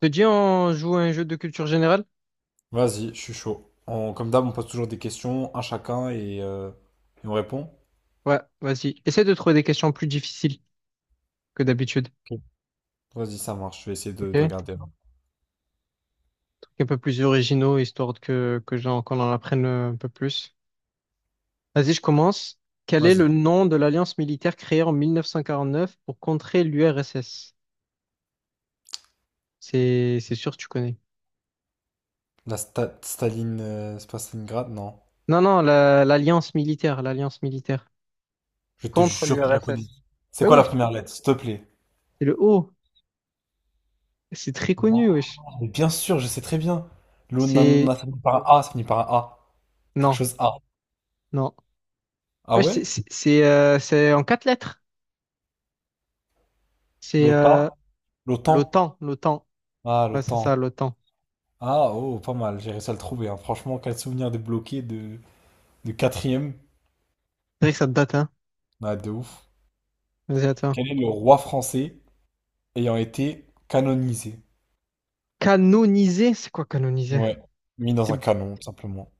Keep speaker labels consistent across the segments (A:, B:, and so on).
A: Te dit on joue à un jeu de culture générale?
B: Vas-y, je suis chaud. Comme d'hab, on pose toujours des questions, un chacun, et on répond.
A: Ouais, vas-y. Essaie de trouver des questions plus difficiles que d'habitude.
B: Ok. Vas-y, ça marche. Je vais essayer
A: Ok?
B: de
A: Des
B: regarder là.
A: trucs un peu plus originaux, histoire qu'on en apprenne un peu plus. Vas-y, je commence. Quel est
B: Vas-y.
A: le nom de l'alliance militaire créée en 1949 pour contrer l'URSS? C'est sûr que tu connais.
B: Staline, c'est pas Stalingrad, non.
A: Non, non, l'alliance militaire
B: Je te
A: contre
B: jure que je la connais.
A: l'URSS.
B: C'est
A: Ben
B: quoi
A: oui,
B: la
A: tu veux.
B: première lettre, s'il te plaît?
A: C'est le O. C'est très
B: Wow,
A: connu, wesh.
B: mais bien sûr, je sais très bien.
A: C'est,
B: L'ONANA, ça finit par un A, ça finit par un A. Quelque
A: non,
B: chose A.
A: non.
B: Ah
A: Wesh,
B: ouais?
A: c'est en quatre lettres. C'est
B: L'OTA? L'OTAN?
A: l'OTAN, l'OTAN.
B: Ah,
A: Ouais, c'est
B: l'OTAN.
A: ça, l'OTAN.
B: Ah, oh, pas mal, j'ai réussi à le trouver, hein. Franchement, quel souvenir débloqué de quatrième.
A: C'est vrai que ça date, hein.
B: Ah, de ouf.
A: Vas-y, à toi.
B: Quel est le roi français ayant été canonisé?
A: Canonisé, c'est quoi canoniser?
B: Ouais, mis dans
A: C'est...
B: un canon, tout simplement.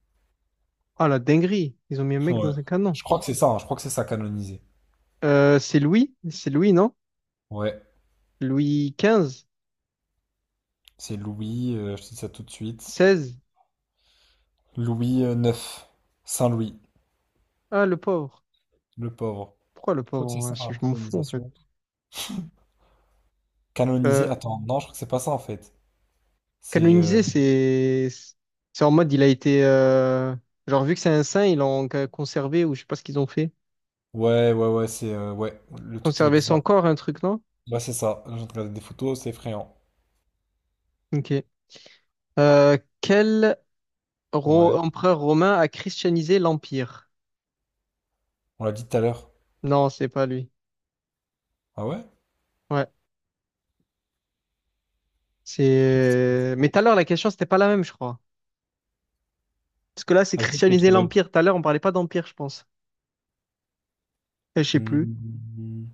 A: Ah, la dinguerie. Ils ont mis un mec
B: Ouais.
A: dans un canon.
B: Je crois que c'est ça, hein, je crois que c'est ça, canonisé.
A: C'est Louis? C'est Louis, non?
B: Ouais,
A: Louis quinze
B: c'est Louis, je te dis ça tout de suite.
A: seize.
B: Louis, IX, Saint-Louis,
A: Ah, le pauvre.
B: le pauvre.
A: Pourquoi le
B: Je crois
A: pauvre?
B: que c'est
A: En vrai,
B: ça,
A: Je
B: hein,
A: je m'en fous, en fait.
B: canonisation. Canonisé,
A: Euh,
B: attends, non, je crois que c'est pas ça en fait. C'est.
A: Canonisé, c'est... C'est en mode, il a été... Genre, vu que c'est un saint, ils l'ont conservé, ou je sais pas ce qu'ils ont fait.
B: Ouais, ouais, ouais. c'est. Ouais, le truc il est
A: Conserver son
B: bizarre.
A: corps, un truc, non?
B: Ouais, c'est ça. J'ai regardé des photos, c'est effrayant.
A: Ok. Quel...
B: Ouais,
A: Empereur romain a christianisé l'Empire.
B: on l'a dit tout à l'heure.
A: Non, c'est pas lui.
B: Ah ouais?
A: Ouais,
B: Christ.
A: c'est. Mais tout à l'heure, la question, c'était pas la même, je crois. Parce que là, c'est
B: Ah, ok, je peux le
A: christianiser
B: trouver.
A: l'Empire. Tout à l'heure, on parlait pas d'Empire, je pense. Je sais plus.
B: Hmm.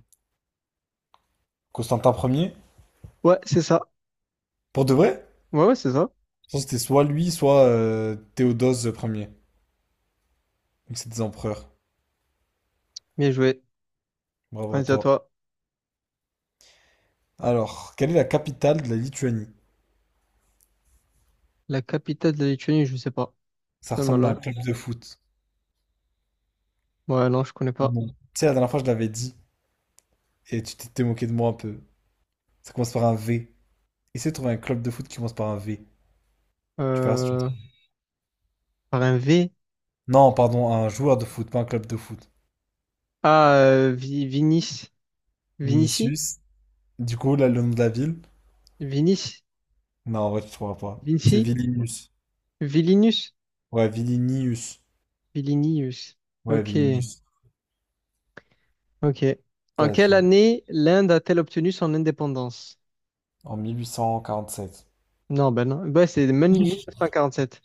B: Constantin Ier.
A: Ouais, c'est ça.
B: Pour de vrai?
A: Ouais, ouais, c'est ça.
B: Je pense que c'était soit lui, soit Théodose Ier. Donc c'est des empereurs.
A: Bien joué.
B: Bravo à
A: Vas-y, à
B: toi.
A: toi.
B: Alors, quelle est la capitale de la Lituanie?
A: La capitale de la Lituanie, je sais pas.
B: Ça
A: C'est
B: ressemble à un
A: malin.
B: club de foot.
A: Ouais, non, je connais
B: Mais
A: pas.
B: bon. Tu sais, la dernière fois, je l'avais dit et tu t'étais moqué de moi un peu. Ça commence par un V. Essaie de trouver un club de foot qui commence par un V. Tu verras si tu le
A: Euh...
B: trouves.
A: Par un V.
B: Non, pardon, un joueur de foot, pas un club de foot.
A: Ah, Vinis. Vinici?
B: Vinicius. Du coup, là, le nom de la ville?
A: Vinis?
B: Non, en vrai, tu trouveras pas. C'est
A: Vinci?
B: Vilnius.
A: Vilinus?
B: Ouais, Vilnius.
A: Vilinius.
B: Ouais,
A: Ok.
B: Vilnius.
A: Ok. En
B: Ça,
A: quelle
B: tu-
A: année l'Inde a-t-elle obtenu son indépendance?
B: en 1847.
A: Non, ben non. Ben, c'est même 1947.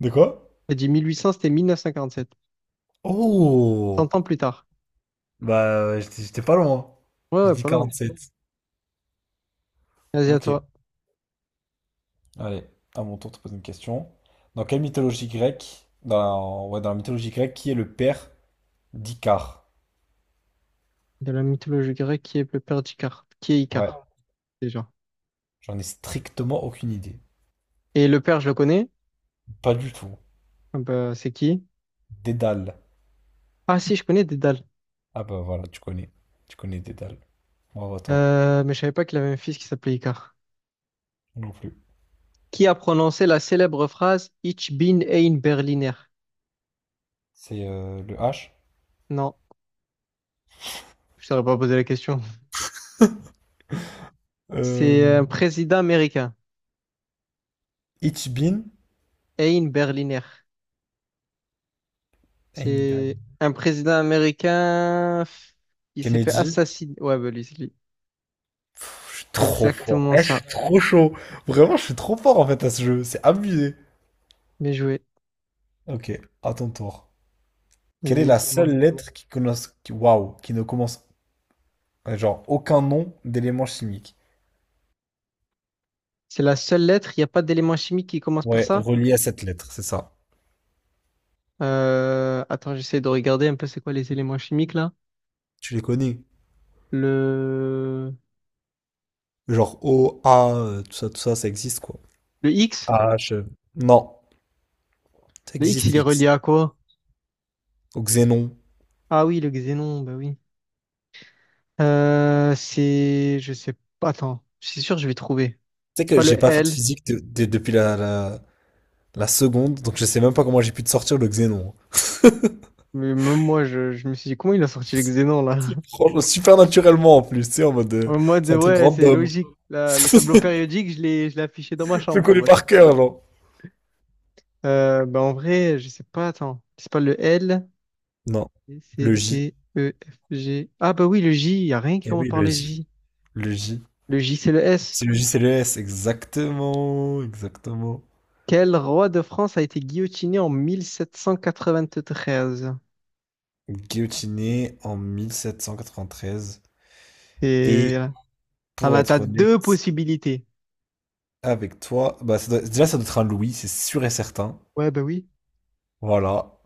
B: De quoi?
A: J'ai dit 1800, c'était 1947.
B: Oh!
A: 100 ans plus tard.
B: Bah, j'étais pas loin.
A: Ouais,
B: J'ai
A: ouais,
B: dit
A: pas loin.
B: 47.
A: Vas-y, à
B: Ok,
A: toi.
B: allez, à mon tour de te poser une question. Dans quelle mythologie grecque, dans, ouais, dans la mythologie grecque, qui est le père d'Icare?
A: De la mythologie grecque, qui est le père d'Icare? Qui est
B: Ouais,
A: Icare, déjà?
B: j'en ai strictement aucune idée.
A: Et le père, je le connais.
B: Pas du tout.
A: Ah ben, c'est qui?
B: Dédale.
A: Ah si, je connais Dédale.
B: Ah bah voilà, tu connais. Tu connais Dédale. Moi, attends,
A: Mais je savais pas qu'il avait un fils qui s'appelait Icare.
B: non plus.
A: Qui a prononcé la célèbre phrase Ich bin ein Berliner?
B: C'est le H.
A: Non, je ne saurais pas poser la question.
B: Euh,
A: C'est un président américain.
B: Ichibin
A: Ein Berliner. C'est
B: Einban.
A: un président américain. Il s'est fait
B: Kennedy.
A: assassiner. Ouais, bah lui, c'est lui.
B: Je suis trop fort.
A: Exactement
B: Eh, je
A: ça.
B: suis trop chaud. Vraiment, je suis trop fort en fait à ce jeu. C'est abusé.
A: Bien joué.
B: Ok, à ton tour. Quelle est
A: Vas-y,
B: la
A: dis-moi.
B: seule lettre qui ne commence, genre, aucun nom d'élément chimique?
A: C'est la seule lettre. Il n'y a pas d'élément chimique qui commence par
B: Ouais,
A: ça.
B: relié à cette lettre, c'est ça.
A: Attends, j'essaie de regarder un peu c'est quoi les éléments chimiques là.
B: Tu les connais?
A: Le...
B: Genre O, A, tout ça, ça existe quoi.
A: Le X?
B: H. Non, ça
A: Le X,
B: existe
A: il est relié
B: X.
A: à quoi?
B: Au xénon.
A: Ah oui, le xénon, bah oui. C'est. Je sais pas. Attends, je suis sûr, que je vais trouver.
B: Tu sais
A: C'est
B: que
A: pas le
B: j'ai pas fait de
A: L.
B: physique depuis la seconde, donc je sais même pas comment j'ai pu te sortir le xénon.
A: Mais même moi, je me suis dit, comment il a sorti le xénon là?
B: Franchement, super naturellement en plus, tu sais, en mode,
A: En mode,
B: c'est un truc
A: ouais, c'est
B: random.
A: logique. Le tableau périodique, je l'ai affiché dans ma
B: Je le
A: chambre en
B: connais
A: mode.
B: par cœur, genre.
A: Bah, en vrai, je sais pas, attends. C'est pas le L,
B: Non.
A: B, C,
B: Le J.
A: D, E, F, G. Ah, bah oui, le J, y a rien qui
B: Eh
A: commence
B: oui,
A: par
B: le
A: le
B: J.
A: J.
B: Le J.
A: Le J, c'est le S.
B: C'est le J, c'est le S. Exactement. Exactement.
A: Quel roi de France a été guillotiné en 1793?
B: Guillotiné en 1793.
A: Et
B: Et
A: voilà.
B: pour
A: T'as
B: être honnête
A: deux possibilités.
B: avec toi, bah, déjà, ça doit être un Louis, c'est sûr et certain.
A: Ouais, bah oui.
B: Voilà.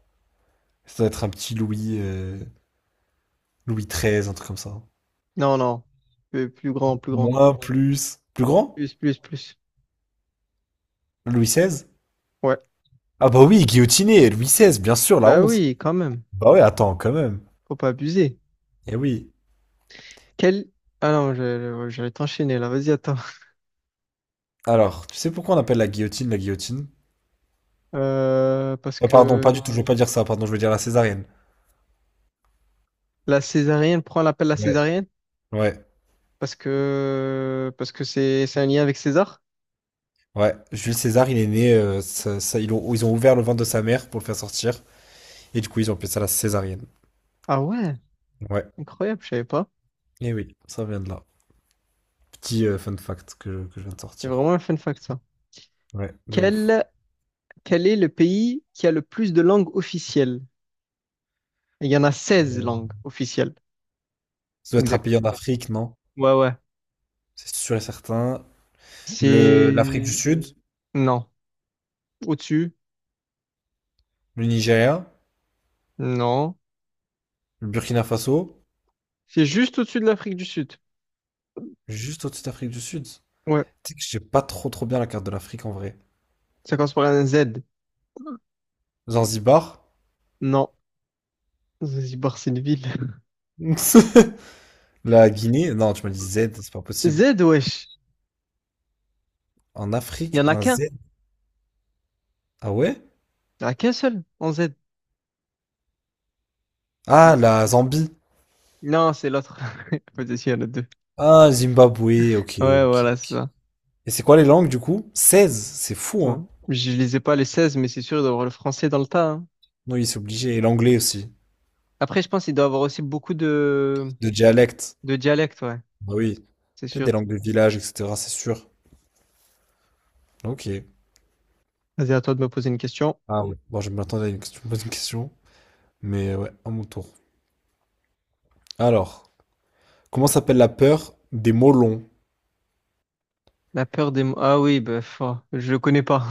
B: Ça doit être un petit Louis, Louis XIII, un truc comme ça.
A: Non, non. Plus, plus grand, plus grand.
B: Moins, plus. Plus grand?
A: Plus, plus, plus.
B: Louis XVI?
A: Ouais.
B: Ah bah oui, guillotiné, Louis XVI, bien sûr, la
A: Bah
B: honte.
A: oui, quand même.
B: Bah ouais, attends, quand même.
A: Faut pas abuser.
B: Eh oui.
A: Quel... Ah non, j'allais t'enchaîner là, vas-y, attends.
B: Alors, tu sais pourquoi on appelle la guillotine la guillotine?
A: Parce
B: Ah, pardon, pas
A: que
B: du tout, je veux pas dire ça, pardon, je veux dire la césarienne.
A: la césarienne, pourquoi on l'appelle la
B: Ouais.
A: césarienne?
B: Ouais,
A: Parce que c'est un lien avec César?
B: ouais. Jules César, il est né, ils ont ouvert le ventre de sa mère pour le faire sortir, et du coup, ils ont appelé ça la césarienne.
A: Ah ouais,
B: Ouais.
A: incroyable, je savais pas.
B: Eh oui, ça vient de là. Petit fun fact que je viens de
A: C'est
B: sortir.
A: vraiment un fun fact ça.
B: Ouais, de ouf.
A: Quel, quel est le pays qui a le plus de langues officielles? Il y en a 16
B: Euh,
A: langues officielles.
B: Ça doit être un
A: Exact.
B: pays en Afrique, non?
A: Ouais, ouais.
B: C'est sûr et certain. L'Afrique du
A: C'est...
B: Sud,
A: Non. Au-dessus?
B: le Nigeria,
A: Non.
B: le Burkina Faso.
A: C'est juste au-dessus de l'Afrique du Sud.
B: Juste au-dessus de l'Afrique du Sud. Tu
A: Ouais.
B: sais que j'ai pas trop trop bien la carte de l'Afrique en vrai.
A: Ça commence par un Z.
B: Zanzibar,
A: Non. Zanzibar, c'est une ville.
B: la Guinée, non, tu m'as dit Z, c'est pas
A: Z,
B: possible.
A: wesh.
B: En
A: Il y
B: Afrique,
A: en a
B: un
A: qu'un.
B: Z. Ah ouais?
A: Il y en a qu'un seul en Z.
B: Ah, la Zambie.
A: Non, c'est l'autre. Peut-être qu'il y en a deux.
B: Ah, Zimbabwe, ok,
A: Ouais,
B: ok.
A: voilà, c'est ça.
B: Et c'est quoi les langues du coup? 16, c'est fou,
A: Ouais.
B: hein.
A: Je lisais pas les 16 mais c'est sûr, il doit avoir le français dans le tas, hein.
B: Non, oui, c'est obligé. Et l'anglais aussi,
A: Après, je pense qu'il doit avoir aussi beaucoup de,
B: de dialecte.
A: de dialectes, ouais.
B: Bah oui,
A: C'est
B: peut-être
A: sûr.
B: des langues de village, etc., c'est sûr. Ok.
A: Vas-y, à toi de me poser une question.
B: Ah ouais. Bon, je m'attendais à une question, bonne question. Mais ouais, à mon tour. Alors, comment s'appelle la peur des mots longs?
A: La peur des mots. Ah oui, bah, pff, je le connais pas.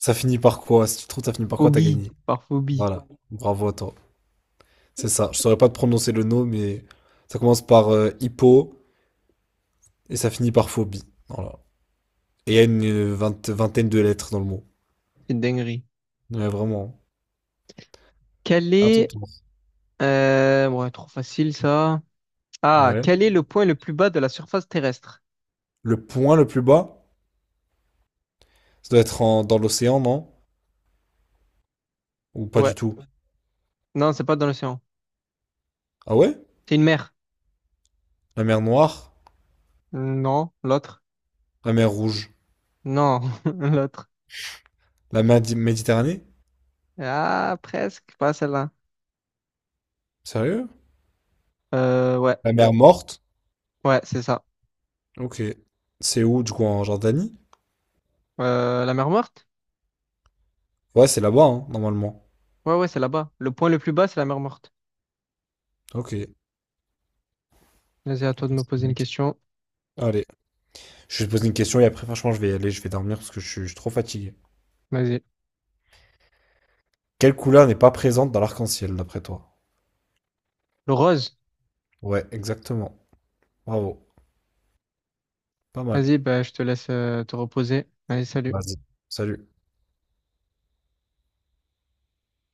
B: Ça finit par quoi? Si tu trouves, ça finit par quoi? T'as
A: Phobie.
B: gagné.
A: Par phobie.
B: Voilà. Bravo à toi.
A: C'est
B: C'est ça. Je saurais pas te prononcer le nom, mais ça commence par hippo et ça finit par phobie. Voilà. Et il y a une vingtaine de lettres dans le mot.
A: une dinguerie.
B: Ouais, vraiment.
A: Quel...
B: À ton
A: est...
B: tour.
A: Ouais, trop facile, ça. Ah,
B: Ouais.
A: quel est le point le plus bas de la surface terrestre?
B: Le point le plus bas, ça doit être dans l'océan, non? Ou pas
A: Ouais.
B: du tout?
A: Non, c'est pas dans l'océan.
B: Ah ouais?
A: C'est une mère.
B: La mer Noire?
A: Non, l'autre.
B: La mer Rouge?
A: Non, l'autre.
B: La mer Méditerranée?
A: Ah, presque, pas celle-là.
B: Sérieux?
A: Ouais,
B: La mer Morte?
A: ouais, c'est ça.
B: Ok. C'est où, du coup, en Jordanie?
A: La mer morte?
B: Ouais, c'est là-bas, hein, normalement.
A: Ouais, ouais, c'est là-bas. Le point le plus bas, c'est la mer morte.
B: Ok.
A: Vas-y, à toi de me poser une
B: Ok.
A: question.
B: Allez, je vais te poser une question et après, franchement, je vais y aller, je vais dormir parce que je suis trop fatigué.
A: Vas-y.
B: Quelle couleur n'est pas présente dans l'arc-en-ciel, d'après toi?
A: Le rose?
B: Ouais, exactement. Bravo. Pas mal.
A: Vas-y, bah, je te laisse te reposer. Allez, salut.
B: Vas-y. Salut.